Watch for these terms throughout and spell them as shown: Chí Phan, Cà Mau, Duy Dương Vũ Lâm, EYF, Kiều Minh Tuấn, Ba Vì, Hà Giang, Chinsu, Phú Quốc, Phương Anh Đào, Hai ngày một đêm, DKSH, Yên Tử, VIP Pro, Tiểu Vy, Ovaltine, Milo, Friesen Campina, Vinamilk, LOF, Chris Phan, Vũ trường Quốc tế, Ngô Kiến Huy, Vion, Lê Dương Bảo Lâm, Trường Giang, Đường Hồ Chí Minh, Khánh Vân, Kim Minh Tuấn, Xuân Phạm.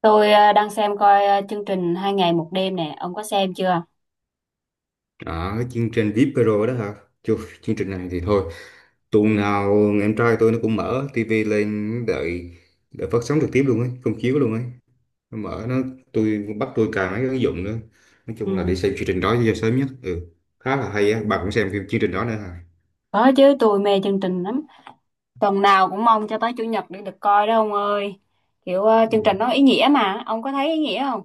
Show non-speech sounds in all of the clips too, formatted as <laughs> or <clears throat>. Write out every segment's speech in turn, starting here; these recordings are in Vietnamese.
Tôi đang xem coi chương trình Hai ngày một đêm nè, ông có xem chưa? Đó, cái chương trình VIP Pro đó hả? Chù, chương trình này thì thôi. Tuần nào em trai tôi nó cũng mở tivi lên đợi đợi phát sóng trực tiếp luôn ấy, công chiếu luôn ấy. Nó mở nó tôi bắt tôi cài mấy cái ứng dụng nữa. Nói Ừ, chung là để xem chương trình đó cho sớm nhất. Ừ, khá là hay á. Bà cũng xem phim chương trình đó nữa hả? có chứ, tôi mê chương trình lắm. Tuần nào cũng mong cho tới chủ nhật để được coi đó ông ơi. Kiểu chương Ừ. trình nó ý nghĩa mà, ông có thấy ý nghĩa không?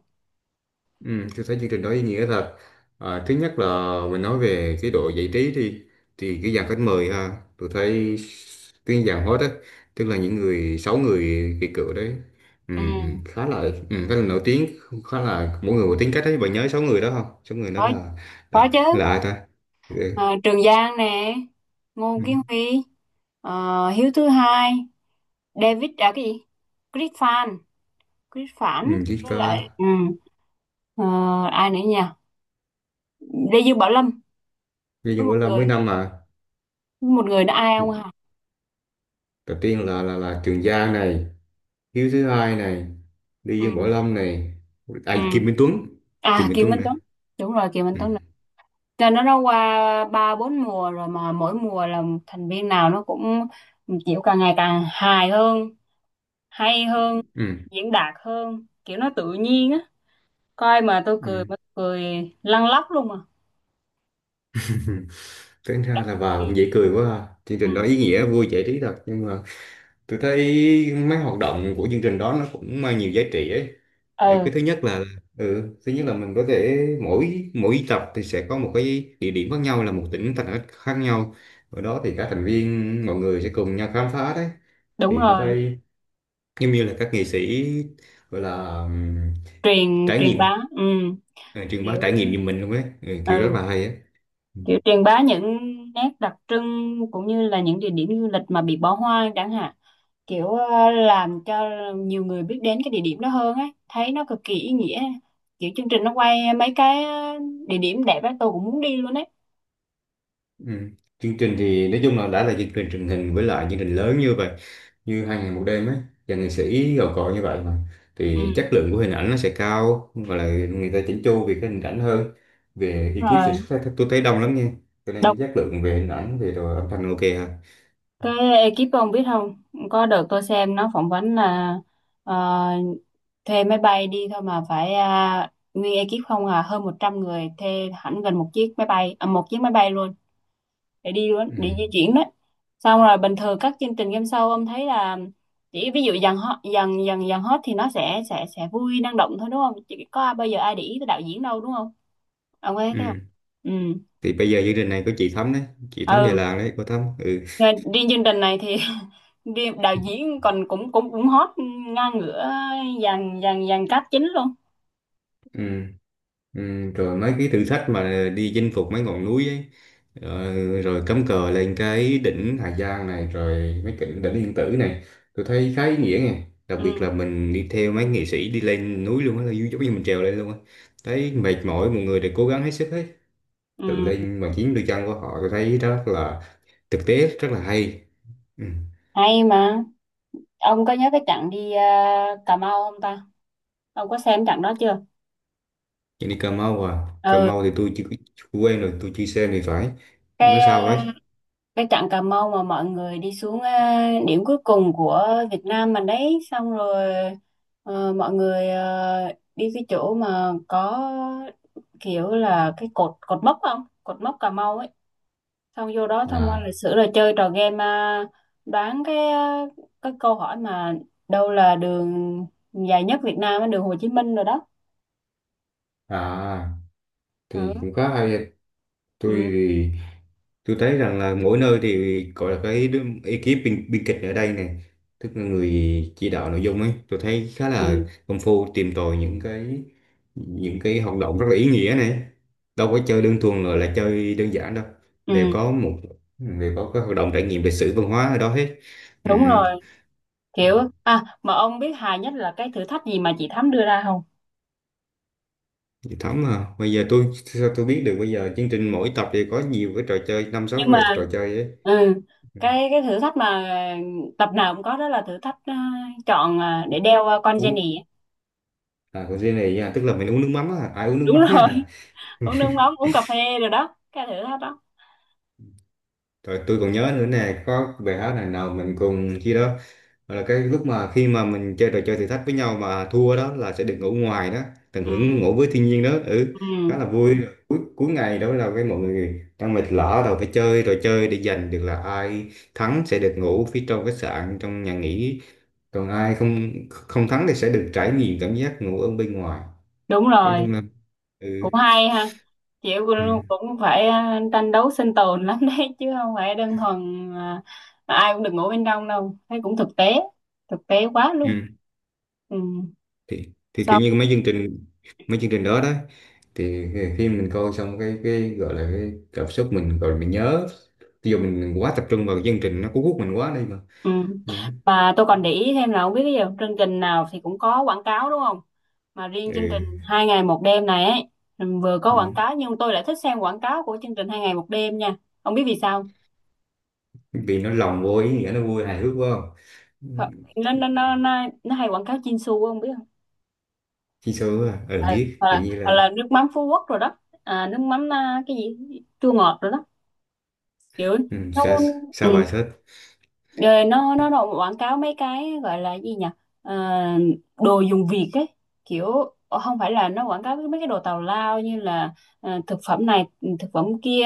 Ừ, tôi thấy chương trình đó ý nghĩa thật. À, thứ nhất là mình nói về cái độ giải trí đi, thì cái dàn khách mời ha, tôi thấy cái dàn host á, tức là những người sáu người kỳ cựu đấy, Ừ, khá là khá là nổi tiếng, khá là mỗi người một tính cách đấy. Bạn nhớ sáu người đó không? Sáu người đó có là là, có chứ. là ai ta? Ừ, Ờ, Trường Giang nè, Ngô ừ, Kiến Huy, Hiếu thứ hai, David à cái gì? Chris Phan, Chris Phản ừ, Chí với Phan, lại ờ, ai nữa nhỉ? Lê Dương Bảo Lâm Duy với Dương một Vũ Lâm mấy người năm mà. Nữa ai ông hả? Đầu tiên là Trường Giang này, Hiếu thứ hai này, Duy Dương Võ Ừ. Lâm này, ai Kim Ừ. Minh Tuấn. Kim À, Minh Kiều Tuấn. Minh Tuấn, đúng rồi, Kiều Minh ừ, Tuấn nè. Cho nó qua 3 4 mùa rồi, mà mỗi mùa là thành viên nào nó cũng kiểu càng ngày càng hài hơn, hay hơn, ừ, diễn đạt hơn, kiểu nó tự nhiên á, coi mà tôi cười, ừ. mà tôi cười lăn lóc luôn mà. <laughs> Tính ra là bà Ừ. cũng dễ cười quá ha. Chương Ừ, trình đó ý nghĩa vui giải trí thật, nhưng mà tôi thấy mấy hoạt động của chương trình đó nó cũng mang nhiều giá trị ấy. Cái ừ, thứ nhất là thứ nhất là mình có thể mỗi mỗi tập thì sẽ có một cái địa điểm khác nhau, là một tỉnh thành khác khác nhau. Ở đó thì các thành viên mọi người sẽ cùng nhau khám phá đấy. đúng Thì tôi rồi, thấy giống như là các nghệ sĩ gọi là truyền trải truyền nghiệm, bá, ừ. ờ, truyền bá kiểu trải nghiệm như mình luôn ấy, ừ, kiểu rất ừ là hay ấy. Ừ. kiểu truyền bá những nét đặc trưng cũng như là những địa điểm du lịch mà bị bỏ hoang chẳng hạn, kiểu làm cho nhiều người biết đến cái địa điểm đó hơn ấy, thấy nó cực kỳ ý nghĩa. Kiểu chương trình nó quay mấy cái địa điểm đẹp ấy, tôi cũng muốn đi luôn ấy. Ừ. Chương trình thì nói chung là đã là chương trình truyền hình, với lại chương trình lớn như vậy như hai ngày một đêm ấy, và nghệ sĩ gạo cội như vậy, mà thì Ừ, chất lượng của hình ảnh nó sẽ cao và là người ta chỉnh chu về cái hình ảnh hơn. Về ekip sản rồi. xuất thì tôi thấy đông lắm nha, cho nên Đọc chất lượng về hình ảnh, về đồ âm thanh ok ha. cái ekip ông biết không, có đợt tôi xem nó phỏng vấn là ờ, thuê máy bay đi thôi mà phải à, nguyên ekip không à, hơn 100 người thuê hẳn gần một chiếc máy bay à, một chiếc máy bay luôn, để đi luôn, Ừ. để di chuyển đấy. Xong rồi bình thường các chương trình game show ông thấy là chỉ ví dụ dàn hot thì nó sẽ vui năng động thôi đúng không, chỉ có bây giờ ai để ý tới đạo diễn đâu đúng không, ông có thấy thế không? Ừ. Ừ, Thì bây giờ chương trình này có chị Thắm đấy, chị Thắm về ừ. làng đấy, cô Thắm ừ. Riêng chương trình này thì <laughs> riêng đạo diễn còn cũng cũng cũng hot ngang ngửa dàn dàn dàn cast chính luôn. Ừ. Ừ. Rồi mấy cái thử thách mà đi chinh phục mấy ngọn núi ấy, rồi cắm cờ lên cái đỉnh Hà Giang này, rồi mấy cái đỉnh Yên Tử này, tôi thấy khá ý nghĩa này. Đặc biệt là Ừ, mình đi theo mấy nghệ sĩ đi lên núi luôn á, là giống như mình trèo lên luôn á, thấy mệt mỏi mọi người đều cố gắng hết sức, hết tự ừ, lên bằng chính đôi chân của họ, tôi thấy rất là thực tế, rất là hay. Ừ. hay mà. Ông có nhớ cái trận đi Cà Mau không ta, ông có xem trận đó chưa? Nhưng đi Cà Mau à, Cà Ừ, Mau thì tôi chưa, chưa quen, rồi tôi chưa xem thì phải, cái nó ờ, sao ấy. cái trận Cà Mau mà mọi người đi xuống à, điểm cuối cùng của Việt Nam mình đấy, xong rồi mọi người đi cái chỗ mà có kiểu là cái cột cột mốc, không, cột mốc Cà Mau ấy, xong vô đó tham quan À, lịch sử rồi chơi trò game, đoán cái câu hỏi mà đâu là đường dài nhất Việt Nam á, đường Hồ Chí Minh rồi đó. à thì Ừ. cũng khá hay. Tôi Ừ. thì tôi thấy rằng là mỗi nơi thì gọi là cái đứa- ekip biên kịch ở đây này, tức là người chỉ đạo nội dung ấy, tôi thấy khá Ừ. là công phu tìm tòi những cái, những cái hoạt động rất là ý nghĩa này. Đâu có chơi đơn thuần là chơi đơn giản đâu, đều Ừ. có một, đều có cái hoạt động trải nghiệm lịch sử văn hóa ở đó hết. Đúng Ừm. rồi, kiểu. À mà ông biết hài nhất là cái thử thách gì mà chị Thắm đưa ra không? Chị Thắm à, bây giờ tôi sao tôi biết được, bây giờ chương trình mỗi tập thì có nhiều cái trò chơi, năm sáu Nhưng trò, mà trò chơi ấy. ừ, Ừ. cái thử thách mà tập nào cũng có đó là thử thách chọn để đeo con Uống. Jenny á. À, của riêng này nha, tức là mình uống nước mắm á, ai uống nước Đúng mắm rồi, á. <laughs> uống nước mắm, uống cà phê rồi đó, cái thử thách đó. Rồi tôi còn nhớ nữa nè, có bài hát này nào mình cùng chi đó, gọi là cái lúc mà khi mà mình chơi trò chơi thử thách với nhau mà thua đó là sẽ được ngủ ngoài đó, tận Ừ, hưởng ngủ với thiên nhiên đó, ừ, khá ừ, là vui. Cuối ngày đó là cái mọi người đang mệt lả rồi phải chơi trò chơi để giành được là ai thắng sẽ được ngủ phía trong khách sạn, trong nhà nghỉ, còn ai không không thắng thì sẽ được trải nghiệm cảm giác ngủ ở bên ngoài. đúng Nói rồi, chung là ừ. cũng hay ha. Chị Ừ. cũng cũng phải tranh đấu sinh tồn lắm đấy, <laughs> chứ không phải đơn thuần ai cũng được ngủ bên trong đâu, thấy cũng thực tế, thực tế quá luôn. Ừ. Ừ. Thì thì Xong. kiểu như mấy chương trình, mấy chương trình đó đó thì khi mình coi xong cái gọi là cái cảm xúc mình gọi là mình nhớ, ví dụ mình quá tập trung vào cái chương trình, nó cuốn hút mình quá đi mà. Ừ. Ừ. Mà tôi còn để ý thêm là không biết cái gì, chương trình nào thì cũng có quảng cáo đúng không, mà riêng chương trình Ừ. Hai ngày một đêm này ấy, vừa có quảng Ừ. cáo nhưng tôi lại thích xem quảng cáo của chương trình Hai ngày một đêm nha, không biết vì sao. Vì nó lồng vô ý nghĩa, nó vui hài hước quá không? Họ- nó nó nó nó, nó hay quảng cáo Chinsu không biết không? Chi số à, ừ, Ừ, biết, kiểu như hoặc là là nước mắm Phú Quốc rồi đó, à, nước mắm à, cái gì chua ngọt rồi đó, kiểu ừ, nó. sao, ừ, sao bài sách. Rồi nó quảng cáo mấy cái gọi là gì nhỉ? Ờ, đồ dùng Việt ấy, kiểu không phải là nó quảng cáo mấy cái đồ tào lao như là thực phẩm này, thực phẩm kia,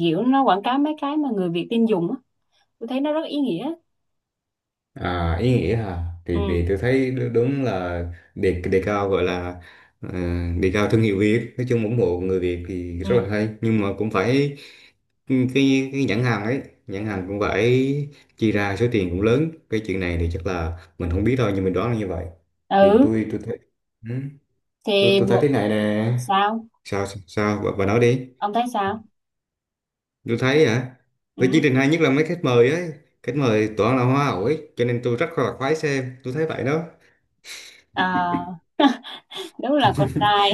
kiểu nó quảng cáo mấy cái mà người Việt tin dùng á, tôi thấy nó rất ý nghĩa. À, ý nghĩa hả, thì Ừ, thì tôi thấy đú- đúng là đề đề cao gọi là, ờ, đề cao thương hiệu Việt, nói chung ủng hộ người Việt thì rất ừ, là hay, nhưng mà cũng phải cái cái nhãn hàng ấy, nhãn hàng cũng phải chi ra số tiền cũng lớn, cái chuyện này thì chắc là mình không biết thôi nhưng mình đoán là như vậy. Thì ừ, tôi thấy ừ, tôi thì tôi thấy một. thế này nè. Sao Sao, sao bà nói đi. ông thấy sao? Tôi thấy hả? Tôi chỉ Ừ. định hay nhất là mấy khách mời ấy, khách mời toàn là hoa hậu ấy, cho nên tôi rất là khoái xem, tôi thấy vậy đó. À đúng là con trai,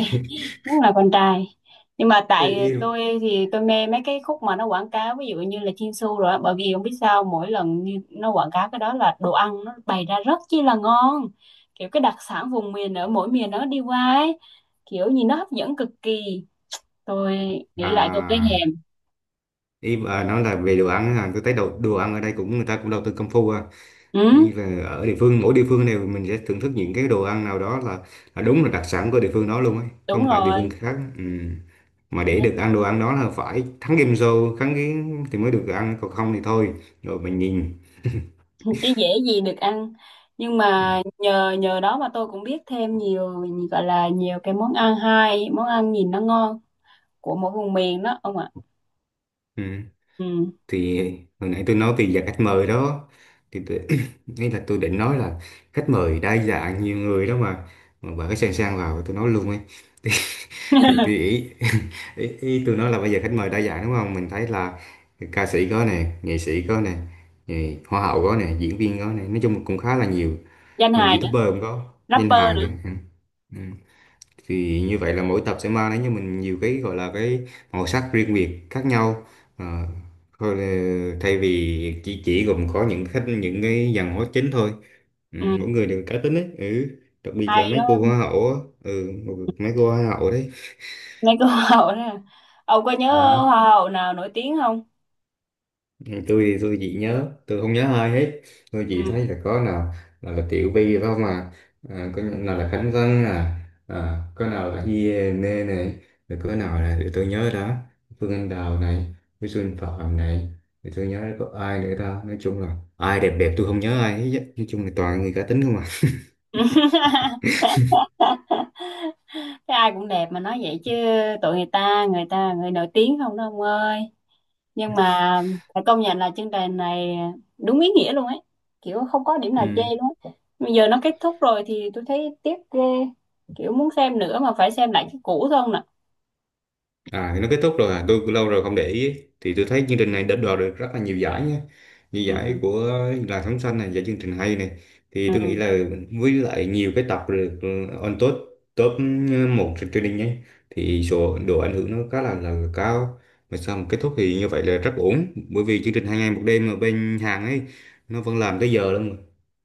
đúng là con trai, nhưng mà Ê, tại yêu. tôi thì tôi mê mấy cái khúc mà nó quảng cáo, ví dụ như là Chinsu rồi á. Bởi vì không biết sao mỗi lần như nó quảng cáo cái đó là đồ ăn nó bày ra rất chi là ngon, kiểu cái đặc sản vùng miền ở mỗi miền nó đi qua ấy, kiểu gì nó hấp dẫn cực kỳ, tôi nghĩ lại tôi thấy À, thèm. ý bà nói là về đồ ăn hả, tôi thấy đồ đồ ăn ở đây cũng người ta cũng đầu tư công phu à. Ừ, Như là ở địa phương, mỗi địa phương này mình sẽ thưởng thức những cái đồ ăn nào đó, là đúng là đặc sản của địa phương đó luôn ấy, đúng không phải địa phương rồi. khác, ừ. Mà để Nên được ăn đồ ăn đó là phải thắng game show, thắng cái thì mới được ăn, còn không thì thôi, rồi mình nhìn. chứ dễ gì được ăn, nhưng mà nhờ nhờ đó mà tôi cũng biết thêm nhiều, gọi là nhiều cái món ăn hay, món ăn nhìn nó ngon, của mỗi vùng miền đó ông ạ. Ừ. Ừ. Thì hồi nãy tôi nói về dạng khách mời đó, thì tôi, <coughs> <clears throat> ý là tôi định nói là khách mời đa dạng nhiều người đó mà bà cái sang sang vào tôi nói luôn ấy. Thì <laughs> tôi ý, <laughs> ý, ý tôi nói là bây giờ khách mời đa dạng đúng không, mình thấy là ca sĩ có nè, nghệ sĩ có nè, nghệ- hoa hậu có nè, diễn viên có nè, nói chung cũng khá là nhiều, Danh người hài nữa, youtuber cũng có, danh rapper hài nữa. nữa, ừ. Ừ. Thì như vậy là mỗi tập sẽ mang đến cho mình nhiều cái gọi là cái màu sắc riêng biệt khác nhau. Ờ, thôi là- thay vì chỉ gồm có những khách, những cái dàn hóa chính thôi, ừ, Ừ, mỗi người đều cá tính ấy, ừ. Đặc biệt hay là mấy cô đó, hoa hậu á, ừ, mấy cô hoa hậu đấy. mấy cái hoa hậu đó, ông có nhớ Ừ. hoa hậu nào nổi tiếng không? Ừ, tôi thì tôi chỉ nhớ, tôi không nhớ ai hết, tôi chỉ Ừ. thấy là có nào là Tiểu Vy phải không à, à có nào là Khánh Vân à, à có nào là Hiền này, rồi có nào là để tôi nhớ đó, Phương Anh Đào này với Xuân Phạm này, thì tôi nhớ có ai nữa ta, nói chung là ai đẹp đẹp tôi không nhớ ai hết á. Nói chung là toàn người cá tính không à. <laughs> Cái ai cũng đẹp mà nói vậy chứ, tụi người ta, người ta người nổi tiếng không đó ông ơi. Nhưng mà phải công nhận là chương trình này đúng ý nghĩa luôn ấy, kiểu không có điểm nào chê Ừ. luôn á. Bây giờ nó kết thúc rồi thì tôi thấy tiếc ghê, kiểu muốn xem nữa mà phải xem lại cái cũ thôi nè. À thì nó kết thúc rồi à, tôi lâu rồi không để ý. Thì tôi thấy chương trình Ừ. này đã đoạt được rất là nhiều giải nhé, như giải Ừ. của làn sóng xanh này, giải chương trình hay này, thì tôi nghĩ Ừ. là với lại nhiều cái tập được ừ, on top, top ừ, một trên truyền hình nhé, thì số độ ảnh hưởng nó khá là cao. Mà sau một kết thúc thì như vậy là rất ổn, bởi vì chương trình hai ngày một đêm ở bên Hàn ấy, nó vẫn làm tới giờ luôn mà.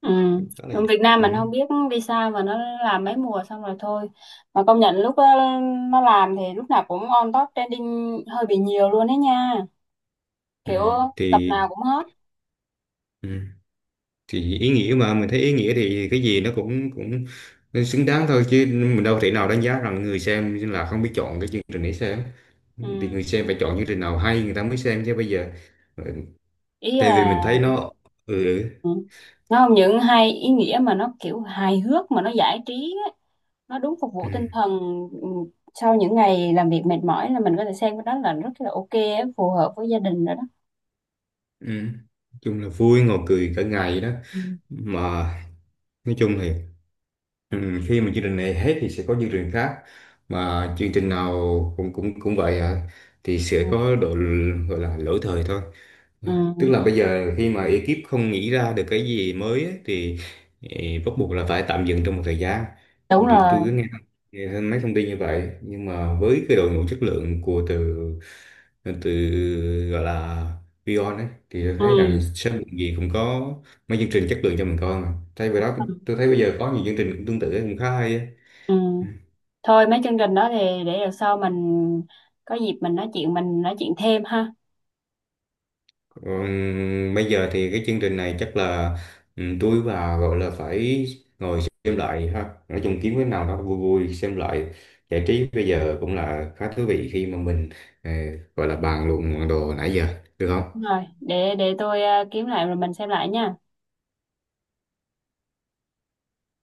Ừ. Khá là Ở Việt Nam ừ. mình không biết vì sao mà nó làm mấy mùa xong rồi thôi, mà công nhận lúc đó nó làm thì lúc nào cũng on top trending hơi bị nhiều luôn đấy nha, Ừ. kiểu tập Thì nào cũng hot. ừ. Thì ý nghĩa mà mình thấy ý nghĩa thì cái gì nó cũng cũng xứng đáng thôi, chứ mình đâu thể nào đánh giá rằng người xem là không biết chọn cái chương trình để xem. Thì Ừ, người xem phải chọn chương trình nào hay người ta mới xem chứ, bây giờ ừ, ý tại là, vì mình thấy nó ừ, ừ, nó không những hay ý nghĩa mà nó kiểu hài hước mà nó giải trí á, nó đúng phục ừ, vụ tinh thần, ừ, sau những ngày làm việc mệt mỏi là mình có thể xem cái đó, là rất là ok á, phù hợp với gia đình rồi đó. ừ. Nói chung là vui, ngồi cười cả ngày đó, Ừ. mà nói chung thì ừ, khi mà chương trình này hết thì sẽ có chương trình khác, mà chương trình nào cũng cũng cũng vậy à, thì Ừ. sẽ có độ l- gọi là lỗi thời thôi. Ừ, Tức là bây giờ khi mà ekip không nghĩ ra được cái gì mới ấy, thì bắt buộc là phải tạm dừng trong một thời gian. đúng Thì tôi rồi. cứ nghe, nghe thêm mấy thông tin như vậy, nhưng mà với cái đội ngũ chất lượng của từ từ gọi là Vion ấy, thì tôi Ừ. thấy rằng sớm muộn gì cũng có mấy chương trình chất lượng cho mình coi. Mà thay vì đó, tôi thấy bây giờ có nhiều chương trình cũng tương tự cũng khá hay á. Ừ. Thôi mấy chương trình đó thì để lần sau mình có dịp mình nói chuyện, mình nói chuyện thêm ha. Còn bây giờ thì cái chương trình này chắc là ừ, tôi và gọi là phải ngồi xem lại ha, nói chung kiếm cái nào đó vui vui xem lại giải trí, bây giờ cũng là khá thú vị khi mà mình ờ, gọi là bàn luận đồ nãy giờ, được không? Đúng rồi, để tôi kiếm lại rồi mình xem lại nha.